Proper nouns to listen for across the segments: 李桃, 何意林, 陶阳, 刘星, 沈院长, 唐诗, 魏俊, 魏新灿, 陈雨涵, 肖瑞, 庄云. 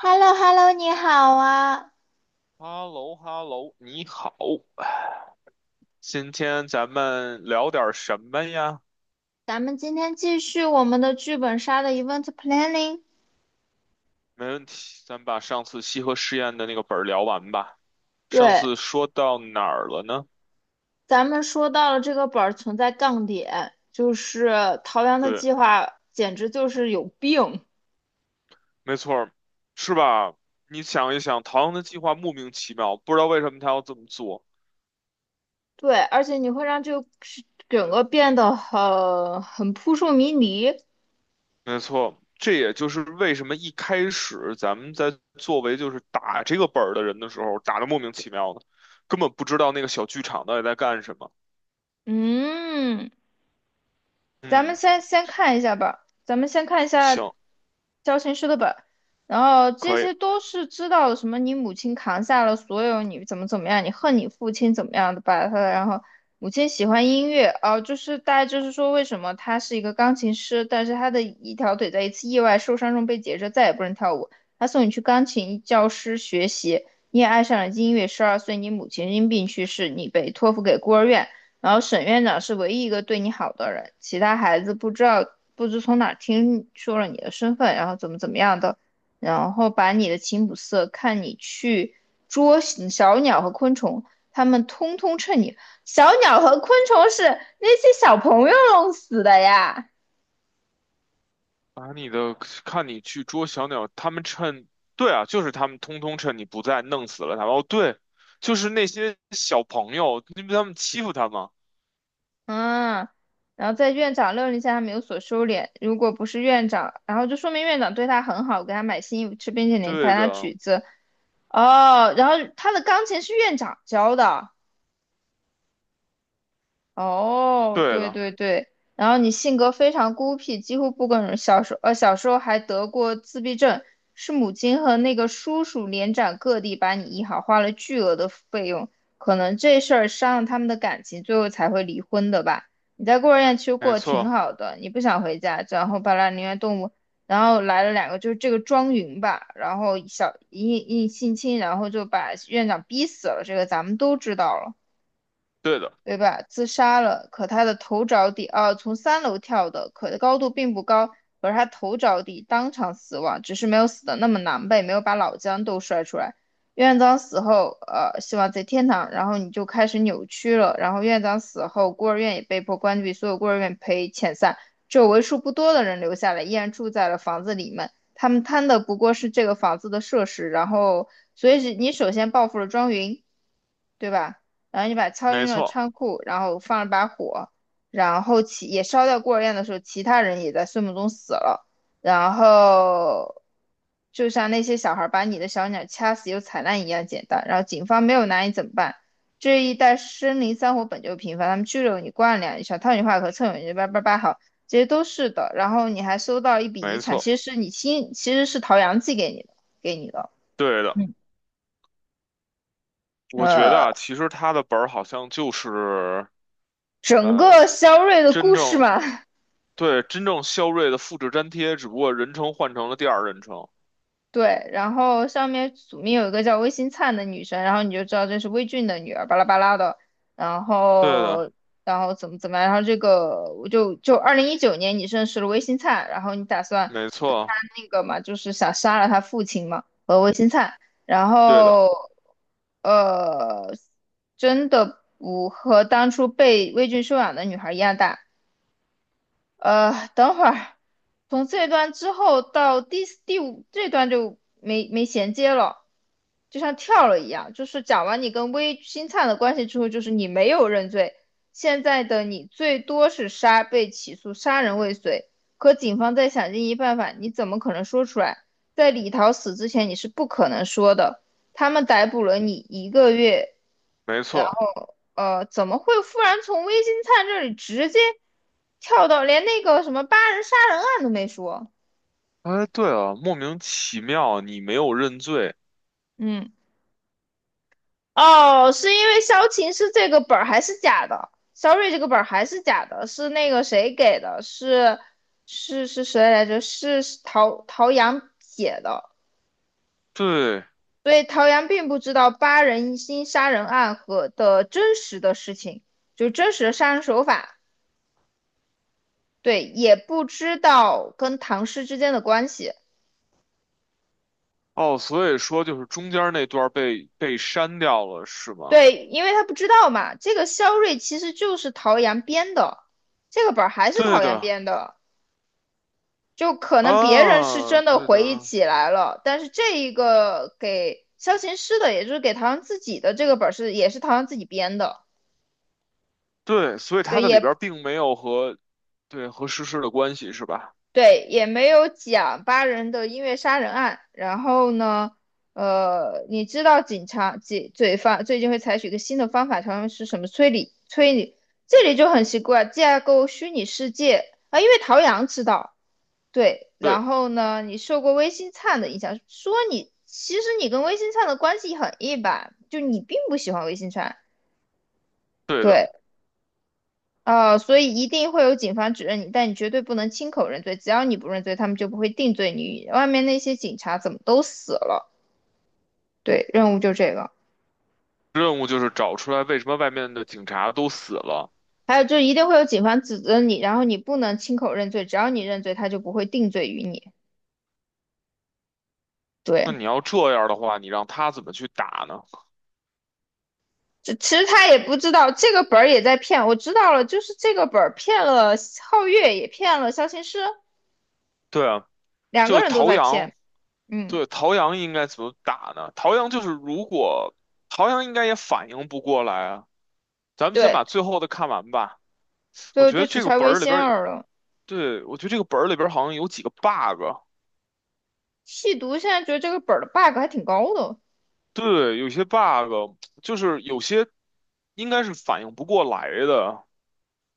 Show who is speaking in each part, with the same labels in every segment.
Speaker 1: h e l l o h e l l o 你好啊！
Speaker 2: 哈喽哈喽，你好，今天咱们聊点什么呀？
Speaker 1: 咱们今天继续我们的剧本杀的 event planning。
Speaker 2: 没问题，咱把上次西河试验的那个本儿聊完吧。上
Speaker 1: 对，
Speaker 2: 次说到哪儿了呢？
Speaker 1: 咱们说到了这个本儿存在杠点，就是陶阳的
Speaker 2: 对，
Speaker 1: 计划简直就是有病。
Speaker 2: 没错儿，是吧？你想一想，唐的计划莫名其妙，不知道为什么他要这么做。
Speaker 1: 对，而且你会让这个整个变得很扑朔迷离。
Speaker 2: 没错，这也就是为什么一开始咱们在作为就是打这个本儿的人的时候，打的莫名其妙的，根本不知道那个小剧场到底在干什么。
Speaker 1: 嗯，咱们
Speaker 2: 嗯，
Speaker 1: 先看一下吧，咱们先看一下
Speaker 2: 行，
Speaker 1: 教程书的本，然后这
Speaker 2: 可以。
Speaker 1: 些都是知道的，什么你母亲扛下了所有，你怎么怎么样，你恨你父亲怎么样的吧，他然后母亲喜欢音乐，啊，就是大概就是说为什么他是一个钢琴师，但是他的一条腿在一次意外受伤中被截肢，再也不能跳舞，他送你去钢琴教师学习，你也爱上了音乐，12岁你母亲因病去世，你被托付给孤儿院。然后沈院长是唯一一个对你好的人，其他孩子不知道不知从哪儿听说了你的身份，然后怎么怎么样的，然后把你的琴谱色，看你去捉小鸟和昆虫，他们通通趁你。小鸟和昆虫是那些小朋友弄死的呀，
Speaker 2: 把你的看你去捉小鸟，他们趁，对啊，就是他们通通趁你不在弄死了他们哦，对，就是那些小朋友，因为他们欺负他们。
Speaker 1: 嗯。然后在院长命令下，他们有所收敛。如果不是院长，然后就说明院长对他很好，给他买新衣服、吃冰淇淋、
Speaker 2: 对
Speaker 1: 弹他
Speaker 2: 的，
Speaker 1: 曲子，哦，然后他的钢琴是院长教的，哦，
Speaker 2: 对
Speaker 1: 对
Speaker 2: 的，
Speaker 1: 对对，然后你性格非常孤僻，几乎不跟人。小时候，小时候还得过自闭症，是母亲和那个叔叔连展各地把你医好，花了巨额的费用。可能这事儿伤了他们的感情，最后才会离婚的吧。你在孤儿院其实
Speaker 2: 没
Speaker 1: 过得挺
Speaker 2: 错，
Speaker 1: 好的，你不想回家，然后巴拉宁愿动物，然后来了两个，就是这个庄云吧，然后小一一性侵，然后就把院长逼死了，这个咱们都知道了。
Speaker 2: 对的，
Speaker 1: 对吧？自杀了，可他的头着地，啊，从3楼跳的，可高度并不高，可是他头着地，当场死亡，只是没有死的那么狼狈，没有把脑浆都摔出来。院长死后，希望在天堂，然后你就开始扭曲了。然后院长死后，孤儿院也被迫关闭，所有孤儿院被遣散，只有为数不多的人留下来，依然住在了房子里面。他们贪的不过是这个房子的设施，然后，所以是你首先报复了庄云。对吧？然后你把敲
Speaker 2: 没
Speaker 1: 晕了
Speaker 2: 错，
Speaker 1: 仓库，然后放了把火，然后其也烧掉孤儿院的时候，其他人也在睡梦中死了。然后就像那些小孩把你的小鸟掐死又踩烂一样简单。然后警方没有拿你怎么办？这一带森林山火本就频繁，他们拘留你、关了两小套你话和蹭你叭叭叭好，这些都是的。然后你还收到一笔遗
Speaker 2: 没
Speaker 1: 产，
Speaker 2: 错，
Speaker 1: 其实是你亲，其实是陶阳寄给你的，给你的。
Speaker 2: 对的。
Speaker 1: 嗯，
Speaker 2: 我觉得
Speaker 1: 呃，
Speaker 2: 啊，其实他的本儿好像就是
Speaker 1: 整
Speaker 2: 呃，
Speaker 1: 个肖瑞的
Speaker 2: 真
Speaker 1: 故事
Speaker 2: 正
Speaker 1: 嘛，
Speaker 2: 对真正肖瑞的复制粘贴，只不过人称换成了第二人称。
Speaker 1: 对，然后上面署名有一个叫魏新灿的女生，然后你就知道这是魏俊的女儿，巴拉巴拉的。然
Speaker 2: 对的，
Speaker 1: 后，然后怎么怎么样？然后这个我就2019年你认识了魏新灿，然后你打算
Speaker 2: 没
Speaker 1: 跟
Speaker 2: 错，
Speaker 1: 他那个嘛，就是想杀了他父亲嘛，和魏新灿。然
Speaker 2: 对的，
Speaker 1: 后，呃，真的不和当初被魏俊收养的女孩一样大。等会儿，从这段之后到第五这段就没衔接了，就像跳了一样。就是讲完你跟微星灿的关系之后，就是你没有认罪，现在的你最多是杀，被起诉杀人未遂。可警方在想尽一切办法，你怎么可能说出来？在李桃死之前，你是不可能说的。他们逮捕了你一个月。
Speaker 2: 没
Speaker 1: 呃
Speaker 2: 错。
Speaker 1: 怎么会忽然从微金灿这里直接跳到连那个什么八人杀人案都没说？
Speaker 2: 哎，对啊，莫名其妙，你没有认罪。
Speaker 1: 嗯，哦，是因为萧琴是这个本儿还是假的？肖瑞这个本儿还是假的，是那个谁给的？是是谁来着？是陶阳写的，
Speaker 2: 对，
Speaker 1: 所以陶阳并不知道八人心杀人案和的真实的事情，就真实的杀人手法，对，也不知道跟唐诗之间的关系。
Speaker 2: 哦，所以说就是中间那段儿被删掉了，是吗？
Speaker 1: 对，因为他不知道嘛，这个肖瑞其实就是陶阳编的，这个本儿还是
Speaker 2: 对
Speaker 1: 陶阳
Speaker 2: 的，
Speaker 1: 编的，就可能别人是
Speaker 2: 啊，
Speaker 1: 真的
Speaker 2: 对
Speaker 1: 回忆
Speaker 2: 的，
Speaker 1: 起来了，但是这一个给萧琴师的，也就是给陶阳自己的这个本儿是也是陶阳自己编的，
Speaker 2: 对，所以它
Speaker 1: 对，
Speaker 2: 的里
Speaker 1: 也
Speaker 2: 边儿并没有和对和实施的关系，是吧？
Speaker 1: 对，也没有讲八人的音乐杀人案。然后呢，你知道警察、警罪犯最近会采取一个新的方法，他们是什么推理？推理这里就很奇怪，架构虚拟世界啊，因为陶阳知道，对。
Speaker 2: 对，
Speaker 1: 然后呢，你受过微星灿的影响，说你其实你跟微星灿的关系很一般，就你并不喜欢微星灿，
Speaker 2: 对的，
Speaker 1: 对。所以一定会有警方指认你，但你绝对不能亲口认罪。只要你不认罪，他们就不会定罪你。外面那些警察怎么都死了？对，任务就这个。
Speaker 2: 任务就是找出来为什么外面的警察都死了。
Speaker 1: 还有就是一定会有警方指责你，然后你不能亲口认罪，只要你认罪，他就不会定罪于你。
Speaker 2: 那
Speaker 1: 对，
Speaker 2: 你要这样的话，你让他怎么去打呢？
Speaker 1: 这其实他也不知道这个本儿也在骗，我知道了，就是这个本儿骗了皓月，也骗了肖琴师，
Speaker 2: 对啊，
Speaker 1: 两个
Speaker 2: 就
Speaker 1: 人都
Speaker 2: 陶
Speaker 1: 在
Speaker 2: 阳。
Speaker 1: 骗。嗯，
Speaker 2: 对，陶阳应该怎么打呢？陶阳就是如果陶阳应该也反应不过来啊，咱们先
Speaker 1: 对，
Speaker 2: 把最后的看完吧。
Speaker 1: 最
Speaker 2: 我
Speaker 1: 后
Speaker 2: 觉
Speaker 1: 就
Speaker 2: 得
Speaker 1: 只
Speaker 2: 这个
Speaker 1: 差
Speaker 2: 本
Speaker 1: 魏
Speaker 2: 儿里边
Speaker 1: 仙
Speaker 2: 儿，
Speaker 1: 儿了。
Speaker 2: 对，我觉得这个本儿里边儿好像有几个 bug，
Speaker 1: 细读现在觉得这个本儿的 bug 还挺高的。
Speaker 2: 对，有些 bug 就是有些应该是反应不过来的，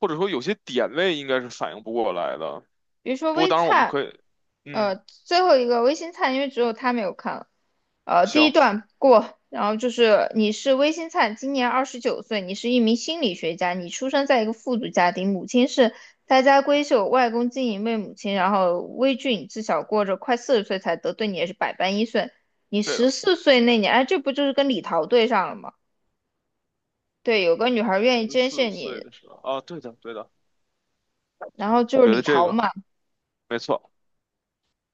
Speaker 2: 或者说有些点位应该是反应不过来的。
Speaker 1: 比如说
Speaker 2: 不过
Speaker 1: 微
Speaker 2: 当然我们
Speaker 1: 灿，
Speaker 2: 可以，嗯，
Speaker 1: 呃，最后一个微星灿，因为只有他没有看了。第一
Speaker 2: 行，
Speaker 1: 段过，然后就是你是微星灿，今年29岁，你是一名心理学家，你出生在一个富足家庭，母亲是大家闺秀，外公经营为母亲，然后微俊自小过着快40岁才得，对你也是百般依顺。你
Speaker 2: 对
Speaker 1: 十
Speaker 2: 的，
Speaker 1: 四岁那年，哎，这不就是跟李桃对上了吗？对，有个女孩愿意
Speaker 2: 十
Speaker 1: 捐
Speaker 2: 四
Speaker 1: 献
Speaker 2: 岁
Speaker 1: 你，
Speaker 2: 的时候，啊，对的，对的，
Speaker 1: 然后就是
Speaker 2: 觉
Speaker 1: 李
Speaker 2: 得这
Speaker 1: 桃
Speaker 2: 个
Speaker 1: 嘛。
Speaker 2: 没错，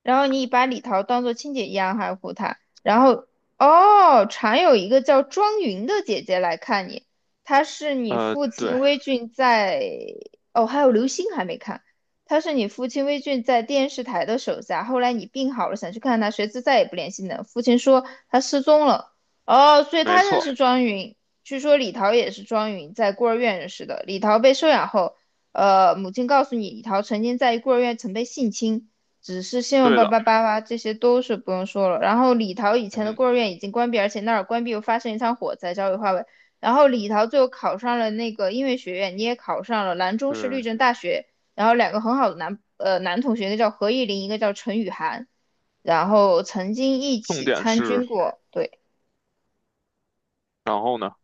Speaker 1: 然后你把李桃当做亲姐一样爱护她。然后，哦，常有一个叫庄云的姐姐来看你，她是你父
Speaker 2: 对，
Speaker 1: 亲微俊在，哦，还有刘星还没看，他是你父亲微俊在电视台的手下。后来你病好了，想去看他，谁知再也不联系呢。父亲说他失踪了，哦，所以
Speaker 2: 没
Speaker 1: 他认识
Speaker 2: 错，
Speaker 1: 庄云。据说李桃也是庄云在孤儿院认识的。李桃被收养后，母亲告诉你，李桃曾经在孤儿院曾被性侵。只是信用
Speaker 2: 对
Speaker 1: 八
Speaker 2: 的。
Speaker 1: 八八八，这些都是不用说了。然后李桃以
Speaker 2: 嗯
Speaker 1: 前的
Speaker 2: 哼，
Speaker 1: 孤儿院已经关闭，而且那儿关闭又发生一场火灾，焦尾化为。然后李桃最后考上了那个音乐学院，你也考上了兰州市律
Speaker 2: 对，
Speaker 1: 政大学。然后两个很好的男同学，一个叫何意林，一个叫陈雨涵，然后曾经一
Speaker 2: 重
Speaker 1: 起
Speaker 2: 点
Speaker 1: 参军
Speaker 2: 是，
Speaker 1: 过，对。
Speaker 2: 然后呢？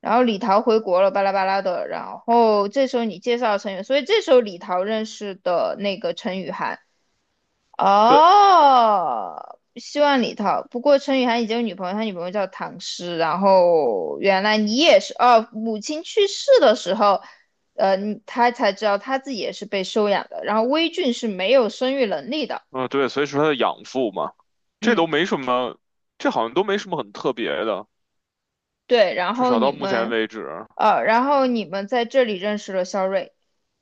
Speaker 1: 然后李桃回国了，巴拉巴拉的。然后这时候你介绍陈雨，所以这时候李桃认识的那个陈雨涵。
Speaker 2: 对，
Speaker 1: 哦，希望里头。不过陈雨涵已经有女朋友，他女朋友叫唐诗。然后原来你也是哦，母亲去世的时候，你他才知道他自己也是被收养的。然后微俊是没有生育能力的，
Speaker 2: 啊、对，所以说它的养父嘛，这都
Speaker 1: 嗯。
Speaker 2: 没什么，这好像都没什么很特别的，
Speaker 1: 对，然
Speaker 2: 至
Speaker 1: 后
Speaker 2: 少
Speaker 1: 你
Speaker 2: 到目前
Speaker 1: 们，
Speaker 2: 为止。
Speaker 1: 然后你们在这里认识了肖瑞，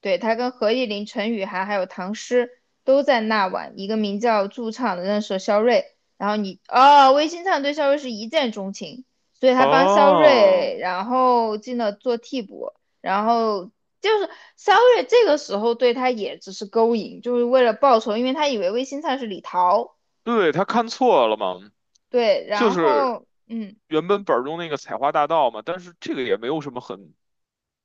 Speaker 1: 对，他跟何意林、陈雨涵还有唐诗都在那晚一个名叫驻唱的认识了肖瑞，然后你，哦，魏新灿对肖瑞是一见钟情，所以他帮肖
Speaker 2: 哦，
Speaker 1: 瑞，然后进了做替补，然后就是肖瑞这个时候对他也只是勾引，就是为了报仇，因为他以为魏新灿是李桃，
Speaker 2: 对，他看错了嘛，
Speaker 1: 对，
Speaker 2: 就
Speaker 1: 然
Speaker 2: 是
Speaker 1: 后，嗯。
Speaker 2: 原本本儿中那个采花大盗嘛，但是这个也没有什么很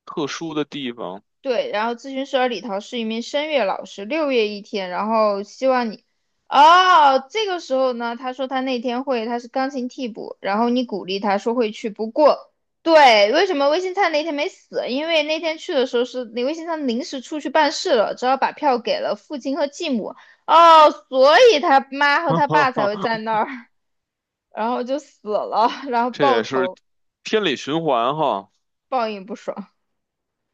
Speaker 2: 特殊的地方，
Speaker 1: 对，然后咨询师而李桃是一名声乐老师，6月一天，然后希望你，哦，这个时候呢，他说他那天会，他是钢琴替补，然后你鼓励他说会去，不过，对，为什么微信灿那天没死？因为那天去的时候是你微信灿临时出去办事了，只好把票给了父亲和继母，哦，所以他妈和他爸才会在 那儿，然后就死了，然后
Speaker 2: 这
Speaker 1: 抱
Speaker 2: 也是
Speaker 1: 头，
Speaker 2: 天理循环哈。
Speaker 1: 报应不爽。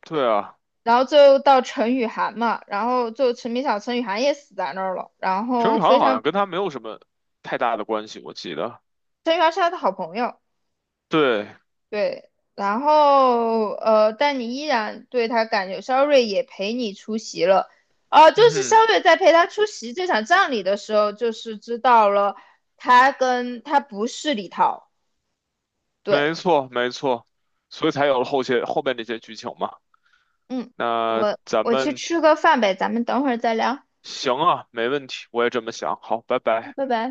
Speaker 2: 对啊，
Speaker 1: 然后最后到陈雨涵嘛，然后最后陈明晓、陈雨涵也死在那儿了。然
Speaker 2: 程宇
Speaker 1: 后非
Speaker 2: 航好
Speaker 1: 常，
Speaker 2: 像跟他没有什么太大的关系，我记得。
Speaker 1: 陈雨涵是他的好朋友，
Speaker 2: 对，
Speaker 1: 对。然后但你依然对他感觉，肖瑞也陪你出席了。就
Speaker 2: 嗯
Speaker 1: 是
Speaker 2: 哼。
Speaker 1: 肖瑞在陪他出席这场葬礼的时候，就是知道了他跟他不是李涛，
Speaker 2: 没
Speaker 1: 对，
Speaker 2: 错，没错，所以才有了后些后面这些剧情嘛。
Speaker 1: 嗯，
Speaker 2: 那
Speaker 1: 我
Speaker 2: 咱
Speaker 1: 我去
Speaker 2: 们
Speaker 1: 吃个饭呗，咱们等会儿再聊，
Speaker 2: 行啊，没问题，我也这么想。好，拜拜。
Speaker 1: 拜拜。